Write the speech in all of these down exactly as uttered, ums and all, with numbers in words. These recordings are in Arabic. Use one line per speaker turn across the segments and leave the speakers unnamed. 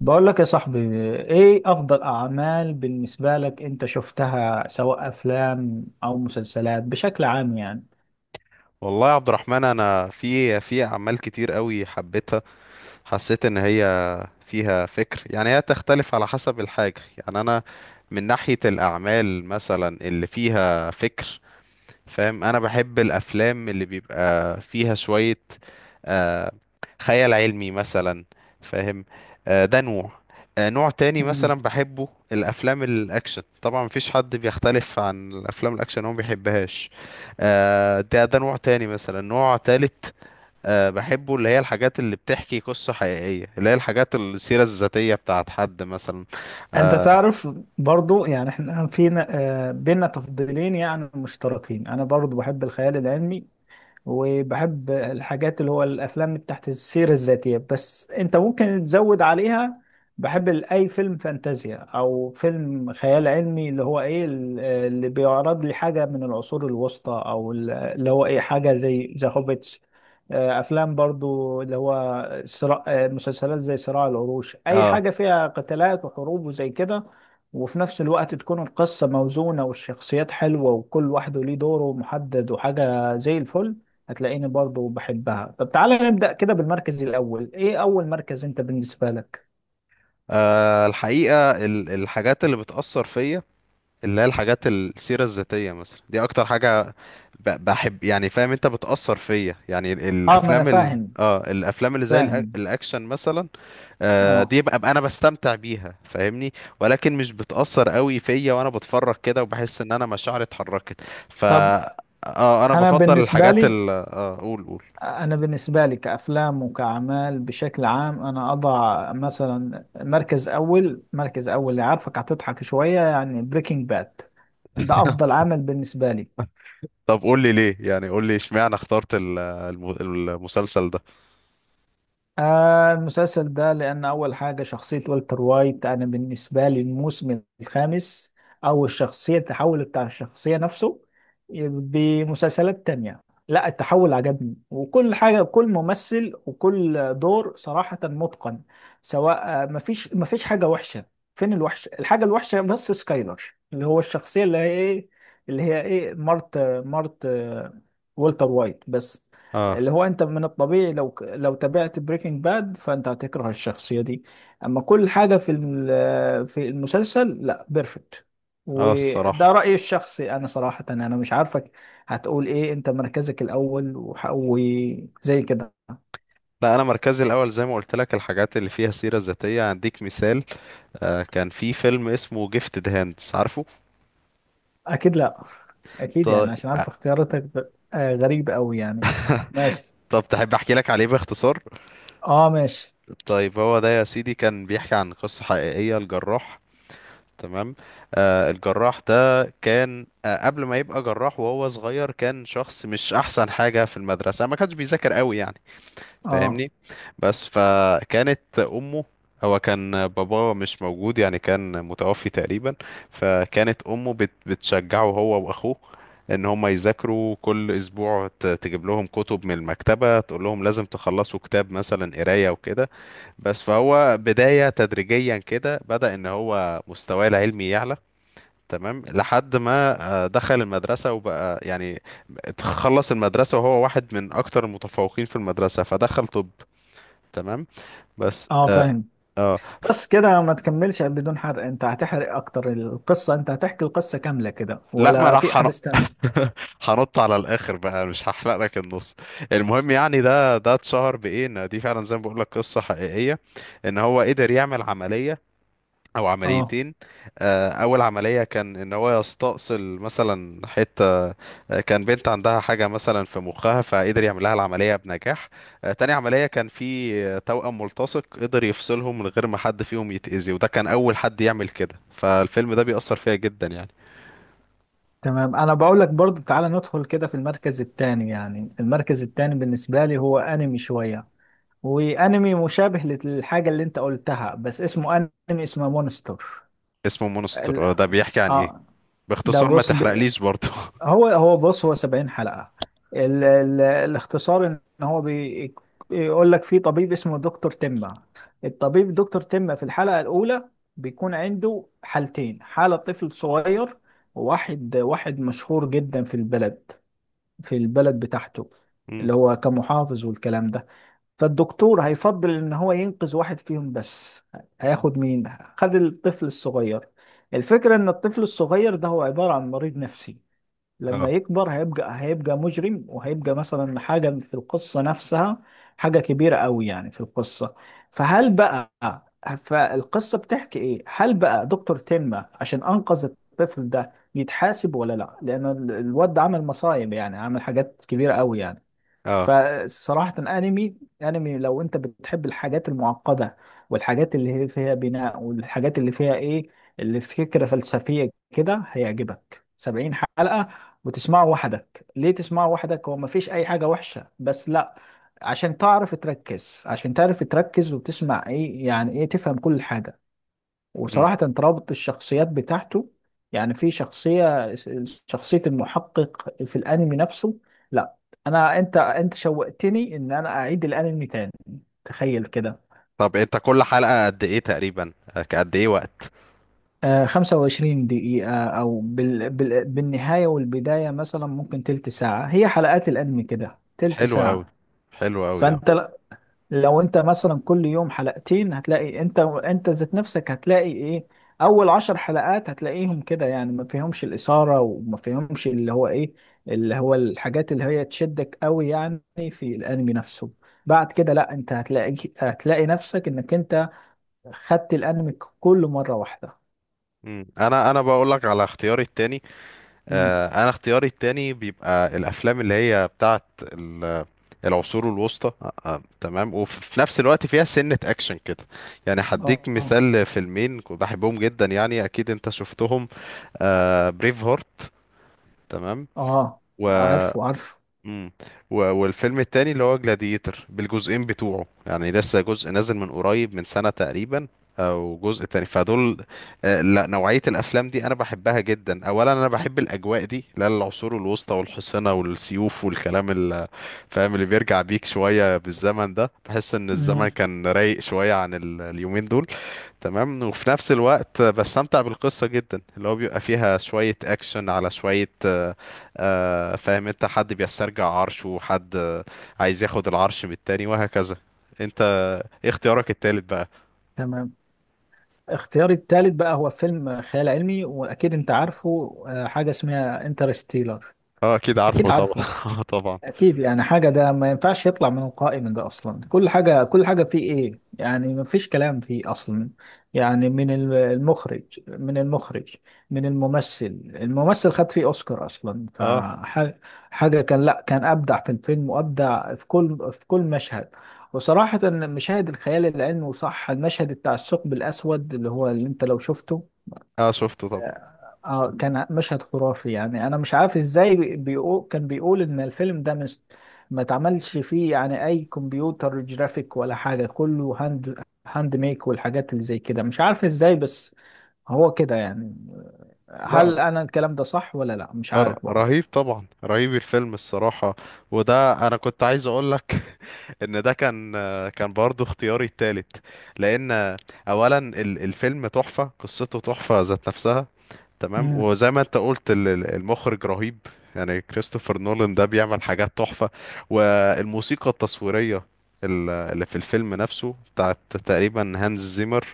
بقول لك يا صاحبي، ايه افضل اعمال بالنسبة لك انت شفتها، سواء افلام او مسلسلات بشكل عام يعني؟
والله يا عبد الرحمن، انا في في اعمال كتير قوي حبيتها. حسيت ان هي فيها فكر، يعني هي تختلف على حسب الحاجه. يعني انا من ناحيه الاعمال مثلا اللي فيها فكر، فاهم؟ انا بحب الافلام اللي بيبقى فيها شوية آه، خيال علمي مثلا. فاهم؟ آه، ده نوع. آه، نوع تاني مثلا
مم.
بحبه الافلام الاكشن. طبعا مفيش حد بيختلف عن الافلام الاكشن، هو ما بيحبهاش. آه، ده ده نوع تاني، مثلا نوع تالت. آه، بحبه اللي هي الحاجات اللي بتحكي قصة حقيقية، اللي هي الحاجات السيرة الذاتية بتاعت حد مثلا.
انت تعرف، برضو يعني احنا فينا آه، بينا تفضيلين يعني مشتركين. انا برضو بحب الخيال العلمي وبحب الحاجات اللي هو الافلام تحت السيرة الذاتية، بس انت ممكن تزود عليها. بحب ال- اي فيلم فانتازيا او فيلم خيال علمي، اللي هو ايه، ال- اللي بيعرض لي حاجة من العصور الوسطى، او ال- اللي هو ايه، حاجة زي ذا هوبيتس. افلام برضو اللي هو صراع آه، مسلسلات زي صراع العروش، اي
اه.
حاجة فيها قتالات وحروب وزي كده، وفي نفس الوقت تكون القصة موزونة والشخصيات حلوة وكل واحد ليه دوره محدد وحاجة زي الفل. هتلاقيني برضه بحبها. طب تعالى نبدأ كده بالمركز الأول. إيه أول مركز أنت بالنسبة لك؟
آه، الحقيقة، ال- الحاجات اللي بتأثر فيا، اللي هي الحاجات السيرة الذاتية، مثلا دي أكتر حاجة ب- بحب، يعني فاهم أنت، بتأثر فيا. يعني ال-
آه، ما أنا
الأفلام ال...
فاهم،
اه الأفلام اللي زي الأ-
فاهم
الأكشن مثلا. آه
آه.
دي ببقى أنا بستمتع بيها، فاهمني؟ ولكن مش بتأثر قوي فيا، وأنا بتفرج كده وبحس إن أنا مشاعري اتحركت. ف
طب
اه أنا
أنا
بفضل
بالنسبة
الحاجات
لي،
ال اه قول قول.
أنا بالنسبة لي كأفلام وكأعمال بشكل عام، أنا أضع مثلا مركز أول، مركز أول اللي عارفك هتضحك شوية، يعني بريكنج باد. ده أفضل عمل بالنسبة لي.
طب قول لي ليه، يعني قول لي اشمعنى اخترت ال- الم- المسلسل ده؟
آه، المسلسل ده، لأن أول حاجة شخصية والتر وايت. أنا بالنسبة لي الموسم الخامس، أو الشخصية، التحول بتاع الشخصية نفسه بمسلسلات تانية، لا التحول عجبني. وكل حاجة، كل ممثل وكل دور صراحة متقن. سواء آه، مفيش، مفيش حاجة وحشة. فين الوحش، الحاجة الوحشة بس سكايلر، اللي هو الشخصية اللي هي إيه، اللي هي إيه، مرت، مرت آه، والتر وايت بس.
اه،
اللي هو انت من الطبيعي، لو لو تابعت بريكنج باد، فانت هتكره الشخصية دي. اما كل حاجة في الم- في المسلسل، لا، بيرفكت.
اه، الصراحة.
وده رأيي الشخصي انا صراحة. انا مش عارفك هتقول ايه، انت مركزك الاول وح- وزي كده.
لا، انا مركزي الاول زي ما قلت لك الحاجات اللي فيها سيرة ذاتية. هديك مثال. آه، كان في فيلم اسمه جيفتد هاندز، عارفه؟
اكيد لا، اكيد
ط-
يعني، عشان عارف اختياراتك ب- آه، غريبة قوي يعني. ماشي.
طب تحب احكي لك عليه باختصار؟
اه ماشي.
طيب هو ده يا سيدي كان بيحكي عن قصة حقيقية، الجراح. تمام. آه الجراح ده كان آه قبل ما يبقى جراح وهو صغير، كان شخص مش احسن حاجة في المدرسة، ما كانش بيذاكر قوي يعني.
اه،
فاهمني؟ بس فكانت امه، هو كان باباه مش موجود، يعني كان متوفي تقريبا. فكانت امه بت بتشجعه هو واخوه، ان هما يذاكروا كل اسبوع، ت- تجيب لهم كتب من المكتبة، تقول لهم لازم تخلصوا كتاب مثلا قراية وكده. بس فهو بداية تدريجيا كده بدأ ان هو مستواه العلمي يعلى. تمام لحد ما آه، دخل المدرسة وبقى يعني، خلص المدرسة وهو واحد من اكتر المتفوقين في المدرسة، فدخل طب. تمام. بس
اه
اه,
فاهم.
آه.
بس كده، ما تكملش بدون حرق. انت هتحرق اكتر القصة، انت هتحكي القصة كاملة كده،
لا، ما
ولا في
راح هن-
احداث تانية؟
هنط على الاخر بقى، مش هحلق لك النص. المهم يعني ده ده اتشهر بايه، ان دي فعلا زي ما بقول لك قصه حقيقيه، ان هو قدر يعمل عمليه او
اه.
عمليتين. آه، اول عمليه كان ان هو يستأصل مثلا حته، آه، كان بنت عندها حاجه مثلا في مخها، فقدر يعمل لها العمليه بنجاح. آه، تاني عمليه كان في آه، توأم ملتصق، قدر يفصلهم من غير ما حد فيهم يتأذي، وده كان اول حد يعمل كده. فالفيلم ده بيأثر فيا جدا يعني.
تمام، انا بقول لك برضو، تعالى ندخل كده في المركز التاني. يعني المركز التاني بالنسبة لي هو انمي شوية، وانمي مشابه للحاجة اللي انت قلتها، بس اسمه، انمي اسمه مونستر.
اسمه
ال...
مونستر. آه، ده بيحكي عن ايه؟
اه ده
باختصار، ما
بص ب...
تحرقليش برضه.
هو هو بص، هو 70 حلقة. ال ال الاختصار ان هو بي- بيقول لك في طبيب اسمه دكتور تمة. الطبيب دكتور تمة في الحلقة الأولى بيكون عنده حالتين: حالة طفل صغير، وواحد واحد مشهور جدا في البلد، في البلد بتاعته،
مم.
اللي هو كمحافظ والكلام ده. فالدكتور هيفضل ان هو ينقذ واحد فيهم بس. هياخد مين؟ خد الطفل الصغير. الفكرة ان الطفل الصغير ده هو عبارة عن مريض نفسي، لما
اه،
يكبر هيبقى هيبقى مجرم، وهيبقى مثلا حاجة في القصة نفسها، حاجة كبيرة قوي يعني في القصة. فهل بقى، فالقصة بتحكي ايه، هل بقى دكتور تنما عشان انقذ الطفل ده يتحاسب ولا لا، لان ال- الواد ده عمل مصايب، يعني عمل حاجات كبيرة قوي يعني.
اه.
فصراحة انمي انمي لو انت بتحب الحاجات المعقدة، والحاجات اللي هي فيها بناء، والحاجات اللي فيها ايه، اللي فكرة فلسفية كده، هيعجبك. 70 حلقة، وتسمعه وحدك. ليه تسمعه وحدك؟ هو مفيش اي حاجة وحشة، بس لا، عشان تعرف تركز، عشان تعرف تركز وتسمع ايه يعني ايه، تفهم كل حاجة.
مم.
وصراحة ترابط الشخصيات بتاعته، يعني في شخصية شخصية المحقق في الأنمي نفسه، لا. أنا، أنت أنت شوقتني إن أنا أعيد الأنمي تاني، تخيل كده.
طب انت كل حلقه قد ايه تقريبا، آه، قد ايه وقت؟
آه، 25 دقيقة، أو بال... بال... بالنهاية والبداية مثلا ممكن تلت ساعة. هي حلقات الأنمي كده تلت
حلو قوي.
ساعة.
حلو قوي.
فأنت لو انت مثلا كل يوم حلقتين، هتلاقي انت انت ذات نفسك، هتلاقي ايه، اول عشر حلقات هتلاقيهم كده يعني ما فيهمش الاثاره، وما فيهمش اللي هو ايه، اللي هو الحاجات اللي هي تشدك قوي يعني في الانمي نفسه. بعد كده لا، انت هتلاقي هتلاقي نفسك انك انت خدت الانمي كله مره واحده.
مم. انا انا بقول لك على اختياري التاني.
امم.
آه، انا اختياري التاني بيبقى الافلام اللي هي بتاعت ال- العصور الوسطى. آه، آه، تمام، وفي نفس الوقت فيها سنة اكشن كده. يعني
اه،
هديك
اه،
مثال لفيلمين كنت بحبهم جدا، يعني اكيد انت شفتهم. بريف هارت. تمام.
اه.
و
عارفه، عارفه.
امم و- والفيلم التاني اللي هو جلاديتر بالجزئين بتوعه، يعني لسه جزء نازل من قريب، من سنة تقريبا، او جزء تاني، فدول. آه، لا، نوعية الافلام دي انا بحبها جدا. اولا انا بحب الاجواء دي، لا العصور الوسطى والحصنة والسيوف والكلام ال- فاهم؟ اللي بيرجع بيك شوية بالزمن ده، بحس ان الزمن
امم.
كان رايق شوية عن ال- اليومين دول. تمام. وفي نفس الوقت بستمتع بالقصة جدا، اللي هو بيبقى فيها شوية أكشن على شوية، آه، آه، فاهم أنت؟ حد بيسترجع عرشه وحد آه، عايز ياخد العرش من التاني، وهكذا. أنت إيه اختيارك التالت بقى؟
تمام. اختياري الثالث بقى هو فيلم خيال علمي، واكيد انت عارفه، آه، حاجه اسمها انترستيلر.
اه، أكيد عارفه
اكيد
طبعا.
عارفه،
آه، طبعا.
اكيد يعني حاجه ده ما ينفعش يطلع من القائمه ده اصلا. كل حاجه، كل حاجه فيه ايه، يعني ما فيش كلام فيه اصلا. يعني من الم- المخرج، من المخرج من الممثل، الممثل خد فيه اوسكار اصلا.
اه،
فحاجه كان، لا، كان ابدع في الفيلم وابدع في كل، في كل مشهد. وصراحه مشاهد الخيال العلمي، وصح المشهد بتاع الثقب الاسود، اللي هو اللي انت لو شفته،
اه، شفته طبعا.
اه كان مشهد خرافي يعني. انا مش عارف ازاي، بي- بيقول، كان بيقول ان الفيلم ده مش، ما اتعملش فيه يعني اي كمبيوتر جرافيك ولا حاجه، كله هاند هاند ميك والحاجات اللي زي كده، مش عارف ازاي، بس هو كده يعني. هل
لا.
انا الكلام ده صح ولا لا، مش
آه، ر-
عارف بقى.
رهيب طبعا، رهيب الفيلم الصراحة. وده انا كنت عايز اقول لك، ان ده كان، كان برضو اختياري التالت. لان اولا ال- الفيلم تحفة، قصته تحفة ذات نفسها. تمام.
امم.
وزي ما انت قلت ال- ال- المخرج رهيب. يعني كريستوفر نولان ده بيعمل حاجات تحفة. والموسيقى التصويرية ال- اللي في الفيلم نفسه بتاعت تقريبا هانز زيمر.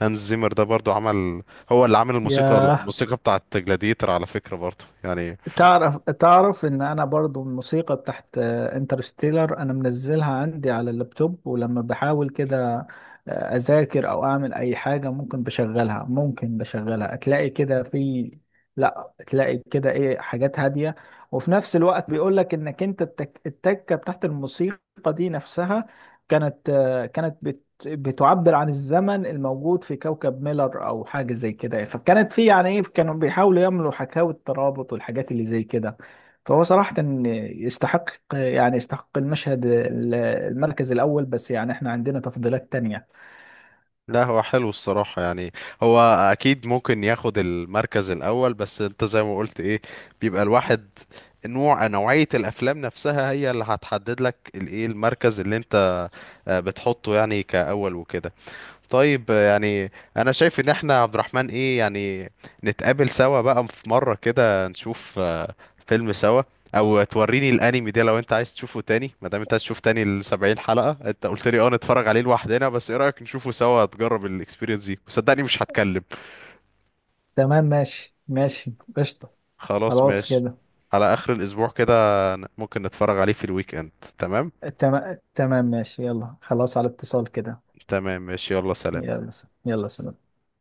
هانز زيمر ده برضو عمل، هو اللي عامل الموسيقى
ياه،
الموسيقى بتاعت جلاديتر على فكرة برضو يعني.
تعرف، تعرف ان انا برضو الموسيقى بتاعت انترستيلر انا منزلها عندي على اللابتوب، ولما بحاول كده، آه، اذاكر او اعمل اي حاجة، ممكن بشغلها ممكن بشغلها، تلاقي كده في، لا، تلاقي كده ايه، حاجات هادية. وفي نفس الوقت بيقول لك انك انت التك... التكة بتاعت الموسيقى دي نفسها، كانت آه، كانت بتعبر عن الزمن الموجود في كوكب ميلر او حاجه زي كده. فكانت في يعني ايه، كانوا بيحاولوا يعملوا حكاوي الترابط والحاجات اللي زي كده. فهو صراحه إن يستحق، يعني يستحق المشهد، ال- المركز الاول، بس يعني احنا عندنا تفضيلات تانية.
لا، هو حلو الصراحة يعني. هو أكيد ممكن ياخد المركز الأول، بس أنت زي ما قلت إيه، بيبقى الواحد نوع نوعية الأفلام نفسها هي اللي هتحدد لك الإيه المركز اللي أنت آه، بتحطه يعني كأول وكده. طيب، يعني انا شايف ان احنا عبد الرحمن ايه يعني، نتقابل سوا بقى في مرة كده، نشوف آه، فيلم سوا، او توريني الانمي ده لو انت عايز تشوفه تاني، ما دام انت عايز تشوف تاني ال سبعين حلقة، انت قلت لي اه نتفرج عليه لوحدنا، بس ايه رأيك نشوفه سوا؟ تجرب الاكسبيرينس دي وصدقني مش هتكلم.
تمام، ماشي، ماشي، قشطه.
خلاص
خلاص
ماشي.
كده.
على اخر الاسبوع كده، ممكن نتفرج عليه في الويك اند. تمام،
تمام، تمام، ماشي، يلا خلاص، على اتصال كده.
تمام، ماشي، يلا سلام.
يلا، س- يلا سلام.